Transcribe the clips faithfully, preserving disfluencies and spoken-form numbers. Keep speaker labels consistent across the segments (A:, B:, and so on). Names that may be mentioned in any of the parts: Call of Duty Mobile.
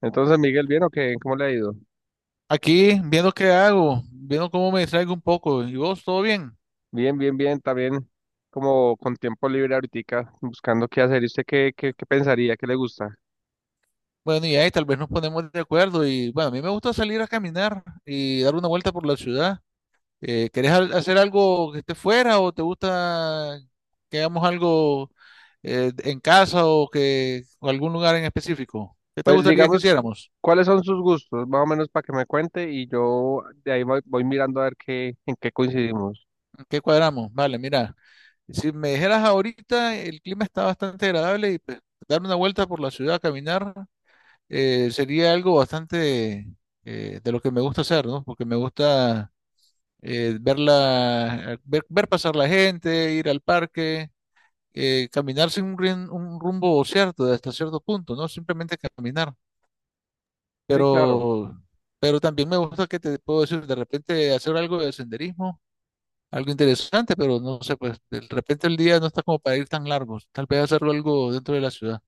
A: Entonces, Miguel, ¿bien o qué? ¿Cómo le ha ido?
B: Aquí, viendo qué hago, viendo cómo me distraigo un poco. ¿Y vos, todo bien?
A: Bien, bien, bien, también como con tiempo libre ahorita, buscando qué hacer. ¿Y usted qué, qué, qué pensaría? ¿Qué le gusta?
B: Bueno, y ahí tal vez nos ponemos de acuerdo. Y bueno, a mí me gusta salir a caminar y dar una vuelta por la ciudad. Eh, ¿querés al- hacer algo que esté fuera o te gusta que hagamos algo eh, en casa o que o algún lugar en específico? ¿Qué te
A: Pues
B: gustaría que
A: digamos,
B: hiciéramos?
A: ¿cuáles son sus gustos? Más o menos para que me cuente y yo de ahí voy, voy mirando a ver qué, en qué coincidimos.
B: ¿Qué cuadramos? Vale, mira, si me dijeras ahorita, el clima está bastante agradable y pues, dar una vuelta por la ciudad, caminar. eh, sería algo bastante eh, de lo que me gusta hacer, ¿no? Porque me gusta eh, ver, la- ver, ver pasar la gente, ir al parque, eh, caminar sin un, rin- un rumbo cierto, hasta cierto punto, ¿no? Simplemente caminar.
A: Sí, claro,
B: Pero, pero también me gusta que te puedo decir, de repente hacer algo de senderismo, algo interesante, pero no sé, pues de repente el día no está como para ir tan largos. Tal vez hacerlo algo dentro de la ciudad.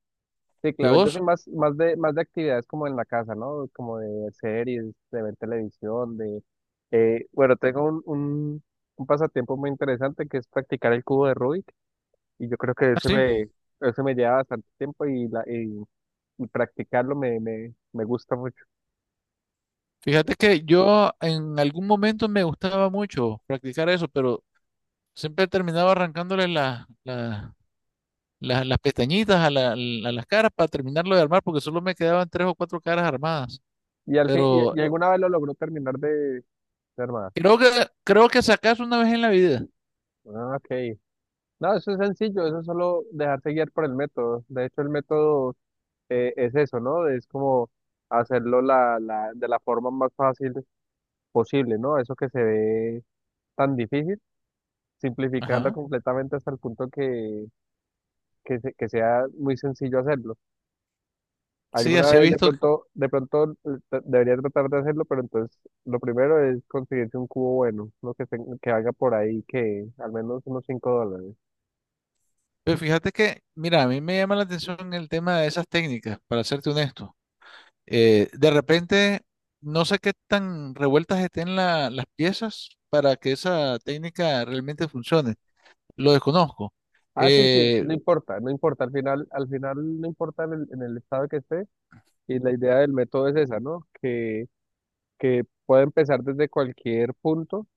A: sí,
B: ¿Y
A: claro. Yo
B: vos?
A: soy más, más de, más de actividades como en la casa, ¿no? Como de series, de ver televisión, de... eh, bueno, tengo un, un, un pasatiempo muy interesante que es practicar el cubo de Rubik. Y yo creo que eso
B: Así.
A: me, eso me lleva bastante tiempo y, la, y, y practicarlo me, me, me gusta mucho.
B: Fíjate que yo en algún momento me gustaba mucho practicar eso, pero siempre terminaba arrancándole la- la- la- las pestañitas a, la- a las caras para terminarlo de armar, porque solo me quedaban tres o cuatro caras armadas.
A: Y al fin, y,
B: Pero
A: y alguna vez lo logró terminar de, de armar.
B: creo que creo que sacas una vez en la vida.
A: Ah, ok. No, eso es sencillo, eso es solo dejarse guiar por el método. De hecho, el método eh, es eso, ¿no? Es como hacerlo la, la, de la forma más fácil posible, ¿no? Eso que se ve tan difícil, simplificarlo
B: Ajá.
A: completamente hasta el punto que, que, se- que sea muy sencillo hacerlo.
B: Sí,
A: Alguna
B: así he
A: vez de
B: visto.
A: pronto, de pronto eh, tra- debería tratar de hacerlo, pero entonces lo primero es conseguirse un cubo bueno, lo que, ten- que haga por ahí, que al menos unos cinco dólares.
B: Pero fíjate que, mira, a mí me llama la atención el tema de esas técnicas, para serte honesto. Eh, de repente, no sé qué tan revueltas estén la- las piezas para que esa técnica realmente funcione. Lo desconozco.
A: Ah, sí, sí,
B: Eh,
A: no importa, no importa, al final, al final no importa en el, en el estado que esté, y la idea del método es esa, ¿no? Que, que pueda empezar desde cualquier punto,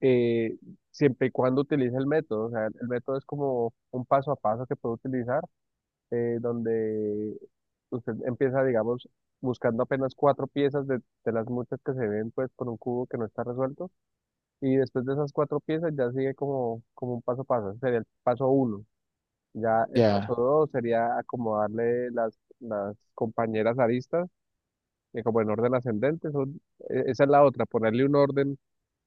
A: eh, siempre y cuando utilice el método, o sea, el método es como un paso a paso que puede utilizar eh, donde usted empieza, digamos, buscando apenas cuatro piezas de, de las muchas que se ven, pues, con un cubo que no está resuelto, y después de esas cuatro piezas ya sigue como, como un paso a paso, ese sería el paso uno. Ya el
B: ya,
A: paso dos sería acomodarle las, las compañeras aristas eh, como en orden ascendente, son, e- esa es la otra, ponerle un orden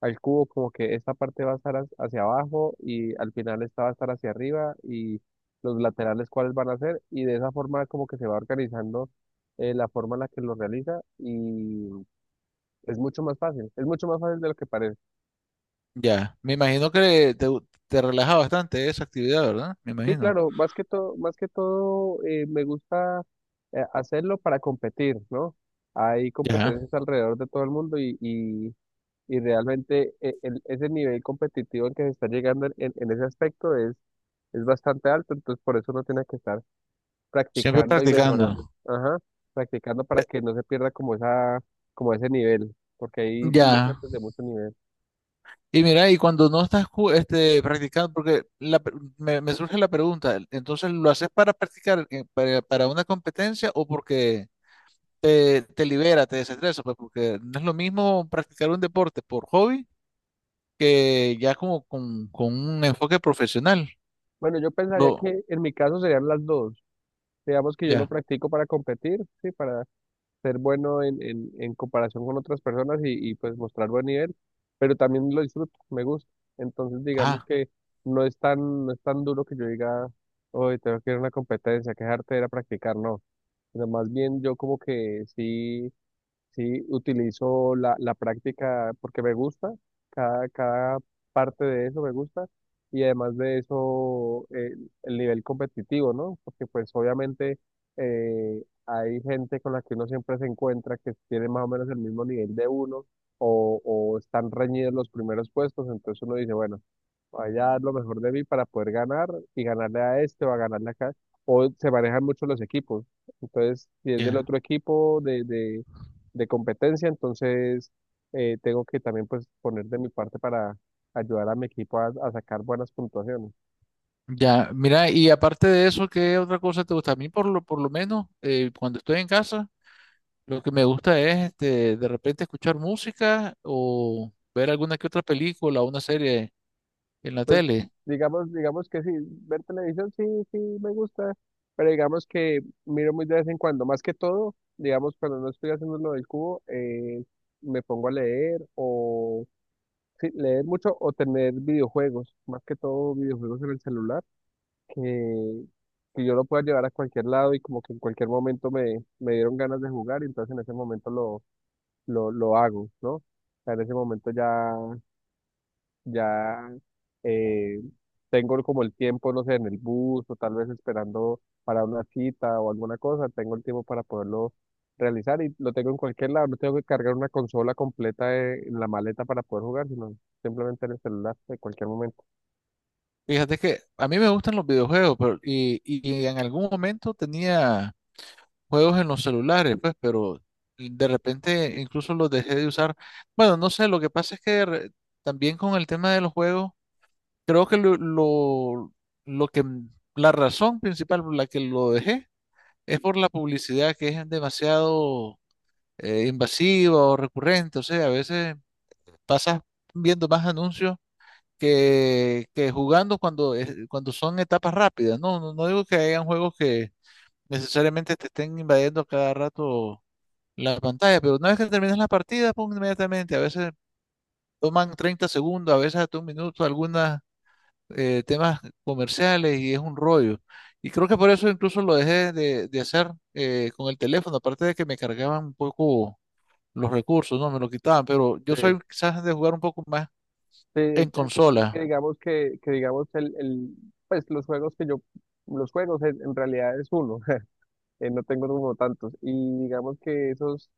A: al cubo como que esta parte va a estar as- hacia abajo y al final esta va a estar hacia arriba y los laterales cuáles van a ser y de esa forma como que se va organizando eh, la forma en la que lo realiza y es mucho más fácil, es mucho más fácil de lo que parece.
B: ya. Me imagino que te, te relaja bastante esa actividad, ¿verdad? Me
A: Sí,
B: imagino.
A: claro, más que todo, más que todo eh, me gusta eh, hacerlo para competir, ¿no? Hay
B: Ya.
A: competencias alrededor de todo el mundo y, Y realmente eh, el- ese nivel competitivo al que se está llegando en, en- en ese aspecto es, es bastante alto, entonces por eso uno tiene que estar
B: Siempre
A: practicando y mejorando.
B: practicándolo.
A: Ajá, practicando para que no se pierda como esa, como ese nivel, porque hay
B: Ya.
A: muchachos de mucho nivel.
B: Y mira, y cuando no estás ju- este, practicando, porque la pe- me, me surge la pregunta, entonces ¿lo haces para practicar, eh, para, para una competencia o porque te, te libera, te desestresa? Pues porque no es lo mismo practicar un deporte por hobby que ya como con, con un enfoque profesional.
A: Bueno, yo pensaría
B: Lo,
A: que en mi caso serían las dos. Digamos que yo lo
B: ya,
A: practico para competir, sí, para ser bueno en, en, en comparación con otras personas y, y, pues mostrar buen nivel, pero también lo disfruto, me gusta. Entonces digamos
B: ajá,
A: que no es tan, no es tan duro que yo diga, hoy tengo que ir a una competencia, quejarte era practicar, no. Pero más bien yo como que sí. Sí, utilizo la, la práctica porque me gusta, cada, cada parte de eso me gusta y además de eso eh, el nivel competitivo, ¿no? Porque pues obviamente eh, hay gente con la que uno siempre se encuentra que tiene más o menos el mismo nivel de uno o, o están reñidos los primeros puestos, entonces uno dice, bueno, vaya a dar lo mejor de mí para poder ganar y ganarle a este o a ganarle acá. O se manejan mucho los equipos. Entonces, si es del
B: ya.
A: otro equipo de, de, de competencia, entonces eh, tengo que también pues poner de mi parte para ayudar a mi equipo a, a sacar buenas puntuaciones.
B: Ya, mira, y aparte de eso, ¿qué otra cosa te gusta? A mí por lo, por lo menos, eh, cuando estoy en casa, lo que me gusta es este, de repente escuchar música o ver alguna que otra película o una serie en la
A: Pues
B: tele.
A: digamos, digamos que sí, ver televisión sí, sí me gusta, pero digamos que miro muy de vez en cuando, más que todo, digamos cuando no estoy haciendo lo del cubo, eh, me pongo a leer o sí, leer mucho o tener videojuegos, más que todo videojuegos en el celular, que, que yo lo pueda llevar a cualquier lado y como que en cualquier momento me, me dieron ganas de jugar y entonces en ese momento lo, lo, lo hago, ¿no? O sea, en ese momento ya ya eh, tengo como el tiempo, no sé, en el bus o tal vez esperando para una cita o alguna cosa, tengo el tiempo para poderlo realizar y lo tengo en cualquier lado, no tengo que cargar una consola completa de- en la maleta para poder jugar, sino simplemente en el celular en cualquier momento.
B: Fíjate que a mí me gustan los videojuegos, pero, y, y en algún momento tenía juegos en los celulares, pues, pero de repente incluso los dejé de usar. Bueno, no sé, lo que pasa es que re- también con el tema de los juegos. Creo que lo, lo, lo que, la razón principal por la que lo dejé es por la publicidad que es demasiado eh, invasiva o recurrente. O sea, a veces pasas viendo más anuncios que, que jugando cuando, es- cuando son etapas rápidas. No, no, no digo que hayan juegos que necesariamente te estén invadiendo a cada rato la pantalla, pero una vez que terminas la partida, pum, inmediatamente. A veces toman treinta segundos, a veces hasta un minuto, algunas eh, temas comerciales y es un rollo. Y creo que por eso incluso lo dejé de, de hacer eh, con el teléfono, aparte de que me cargaban un poco los recursos, no me lo quitaban, pero yo
A: Sí,
B: soy quizás de jugar un poco más
A: sí, es
B: en
A: es que
B: consola.
A: digamos que, que digamos el, el, pues los juegos que yo, los juegos en, en realidad es uno, eh, no tengo como tantos. Y digamos que esos,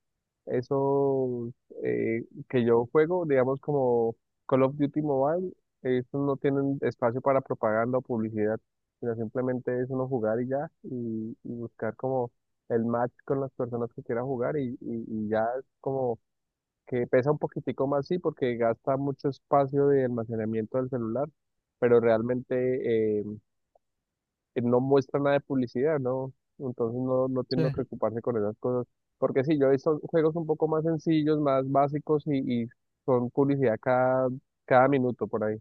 A: esos eh, que yo juego, digamos como Call of Duty Mobile, estos no tienen espacio para propaganda o publicidad, sino simplemente es uno jugar y ya, y, y buscar como el match con las personas que quiera jugar y, y, y ya es como que pesa un poquitico más, sí, porque gasta mucho espacio de almacenamiento del celular, pero realmente... eh, eh, no muestra nada de publicidad, ¿no? Entonces no, no tiene
B: Sí.
A: que ocuparse con esas cosas. Porque sí, yo he visto juegos un poco más sencillos, más básicos y, y son publicidad cada, cada minuto por ahí.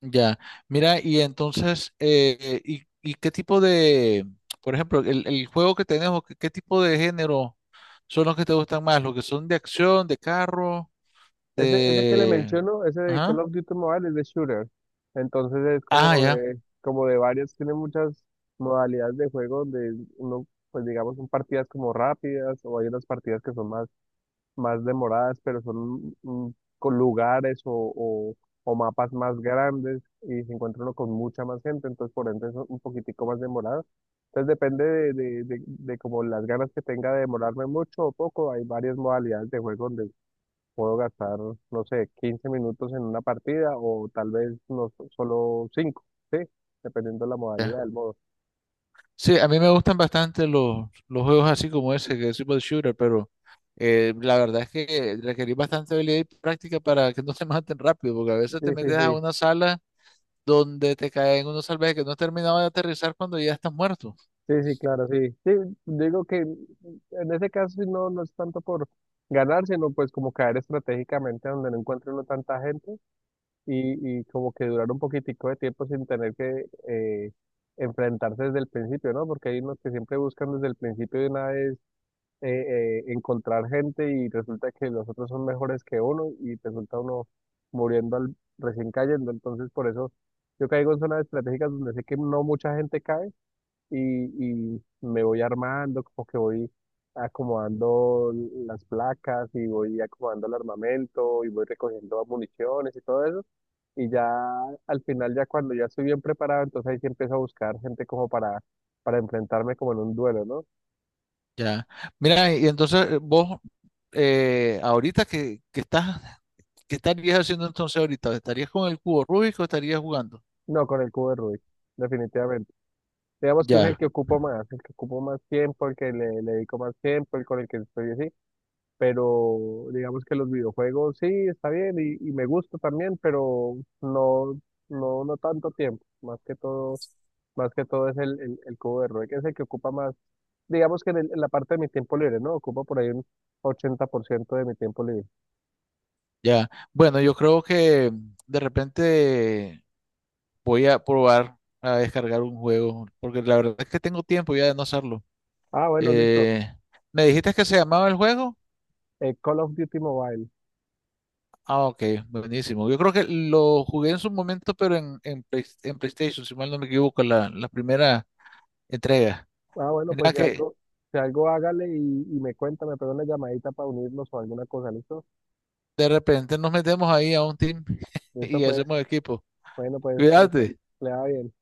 B: Ya, mira, y entonces, eh, eh, y, y qué tipo de, por ejemplo, el, el juego que tenemos, qué, qué tipo de género son los que te gustan más? ¿Los que son de acción, de carro,
A: Ese, ese que le
B: de?
A: menciono, ese de Call
B: Ajá.
A: of Duty Mobile es de shooter. Entonces es
B: Ah,
A: como
B: ya.
A: de, como de varias, tiene muchas modalidades de juego donde uno, pues digamos, son partidas como rápidas o hay unas partidas que son más más demoradas, pero son mm, con lugares o, o- o mapas más grandes y se encuentra uno con mucha más gente, entonces por ende es un poquitico más demorado. Entonces depende de, de, de, de como las ganas que tenga de demorarme mucho o poco. Hay varias modalidades de juego donde puedo gastar, no sé, quince minutos en una partida o tal vez no so- solo cinco ¿sí? Dependiendo de la modalidad del modo.
B: Sí, a mí me gustan bastante los, los juegos así como ese, que es Super Shooter, pero eh, la verdad es que requerís bastante habilidad y práctica para que no te maten rápido, porque a
A: Sí,
B: veces te
A: sí,
B: metes a
A: sí,
B: una sala donde te caen unos salvajes que no has terminado de aterrizar cuando ya estás muerto.
A: sí, sí, claro, sí. Sí, digo que en ese caso sí no, no es tanto por ganar, sino pues como caer estratégicamente donde no encuentre uno tanta gente y, y como que durar un poquitico de tiempo sin tener que eh, enfrentarse desde el principio, ¿no? Porque hay unos que siempre buscan desde el principio de una vez eh, eh, encontrar gente y resulta que los otros son mejores que uno y resulta uno muriendo al, recién cayendo. Entonces por eso yo caigo en zonas estratégicas donde sé que no mucha gente cae y, y me voy armando, como que voy acomodando las placas y voy acomodando el armamento y voy recogiendo municiones y todo eso. Y ya al final, ya cuando ya estoy bien preparado, entonces ahí sí empiezo a buscar gente como para, para enfrentarme como en un duelo, ¿no?
B: Ya. Mira, y entonces eh, vos, eh, ahorita que, que estás, ¿qué estarías haciendo entonces ahorita? ¿Estarías con el cubo Rubik o estarías jugando?
A: No, con el cubo de Rubik, definitivamente. Digamos que es el
B: Ya,
A: que ocupo más, el que ocupo más tiempo, el que le, le dedico más tiempo, el con el que estoy así. Pero digamos que los videojuegos sí, está bien y, y me gusta también, pero no, no, no tanto tiempo, más que todo, más que todo es el, el, el cubo de Rubik, es el que ocupa más, digamos que en, el- en la parte de mi tiempo libre, ¿no? Ocupa por ahí un ochenta por ciento de mi tiempo libre.
B: ya. Bueno, yo creo que de repente. Voy a probar a descargar un juego, porque la verdad es que tengo tiempo ya de no hacerlo.
A: Ah, bueno, listo.
B: Eh, ¿me dijiste que se llamaba el juego?
A: Eh, Call of Duty Mobile.
B: Ah, ok, buenísimo. Yo creo que lo jugué en su momento, pero en, en, Play- en PlayStation, si mal no me equivoco, la, la primera entrega.
A: Ah, bueno, pues
B: Mira
A: si
B: que
A: algo, si algo hágale y, y me cuenta, me pega una llamadita para unirnos o alguna cosa, ¿listo?
B: de repente nos metemos ahí a un team
A: Listo,
B: y
A: pues,
B: hacemos equipo.
A: bueno, pues, listo.
B: Cuídate.
A: Le va bien.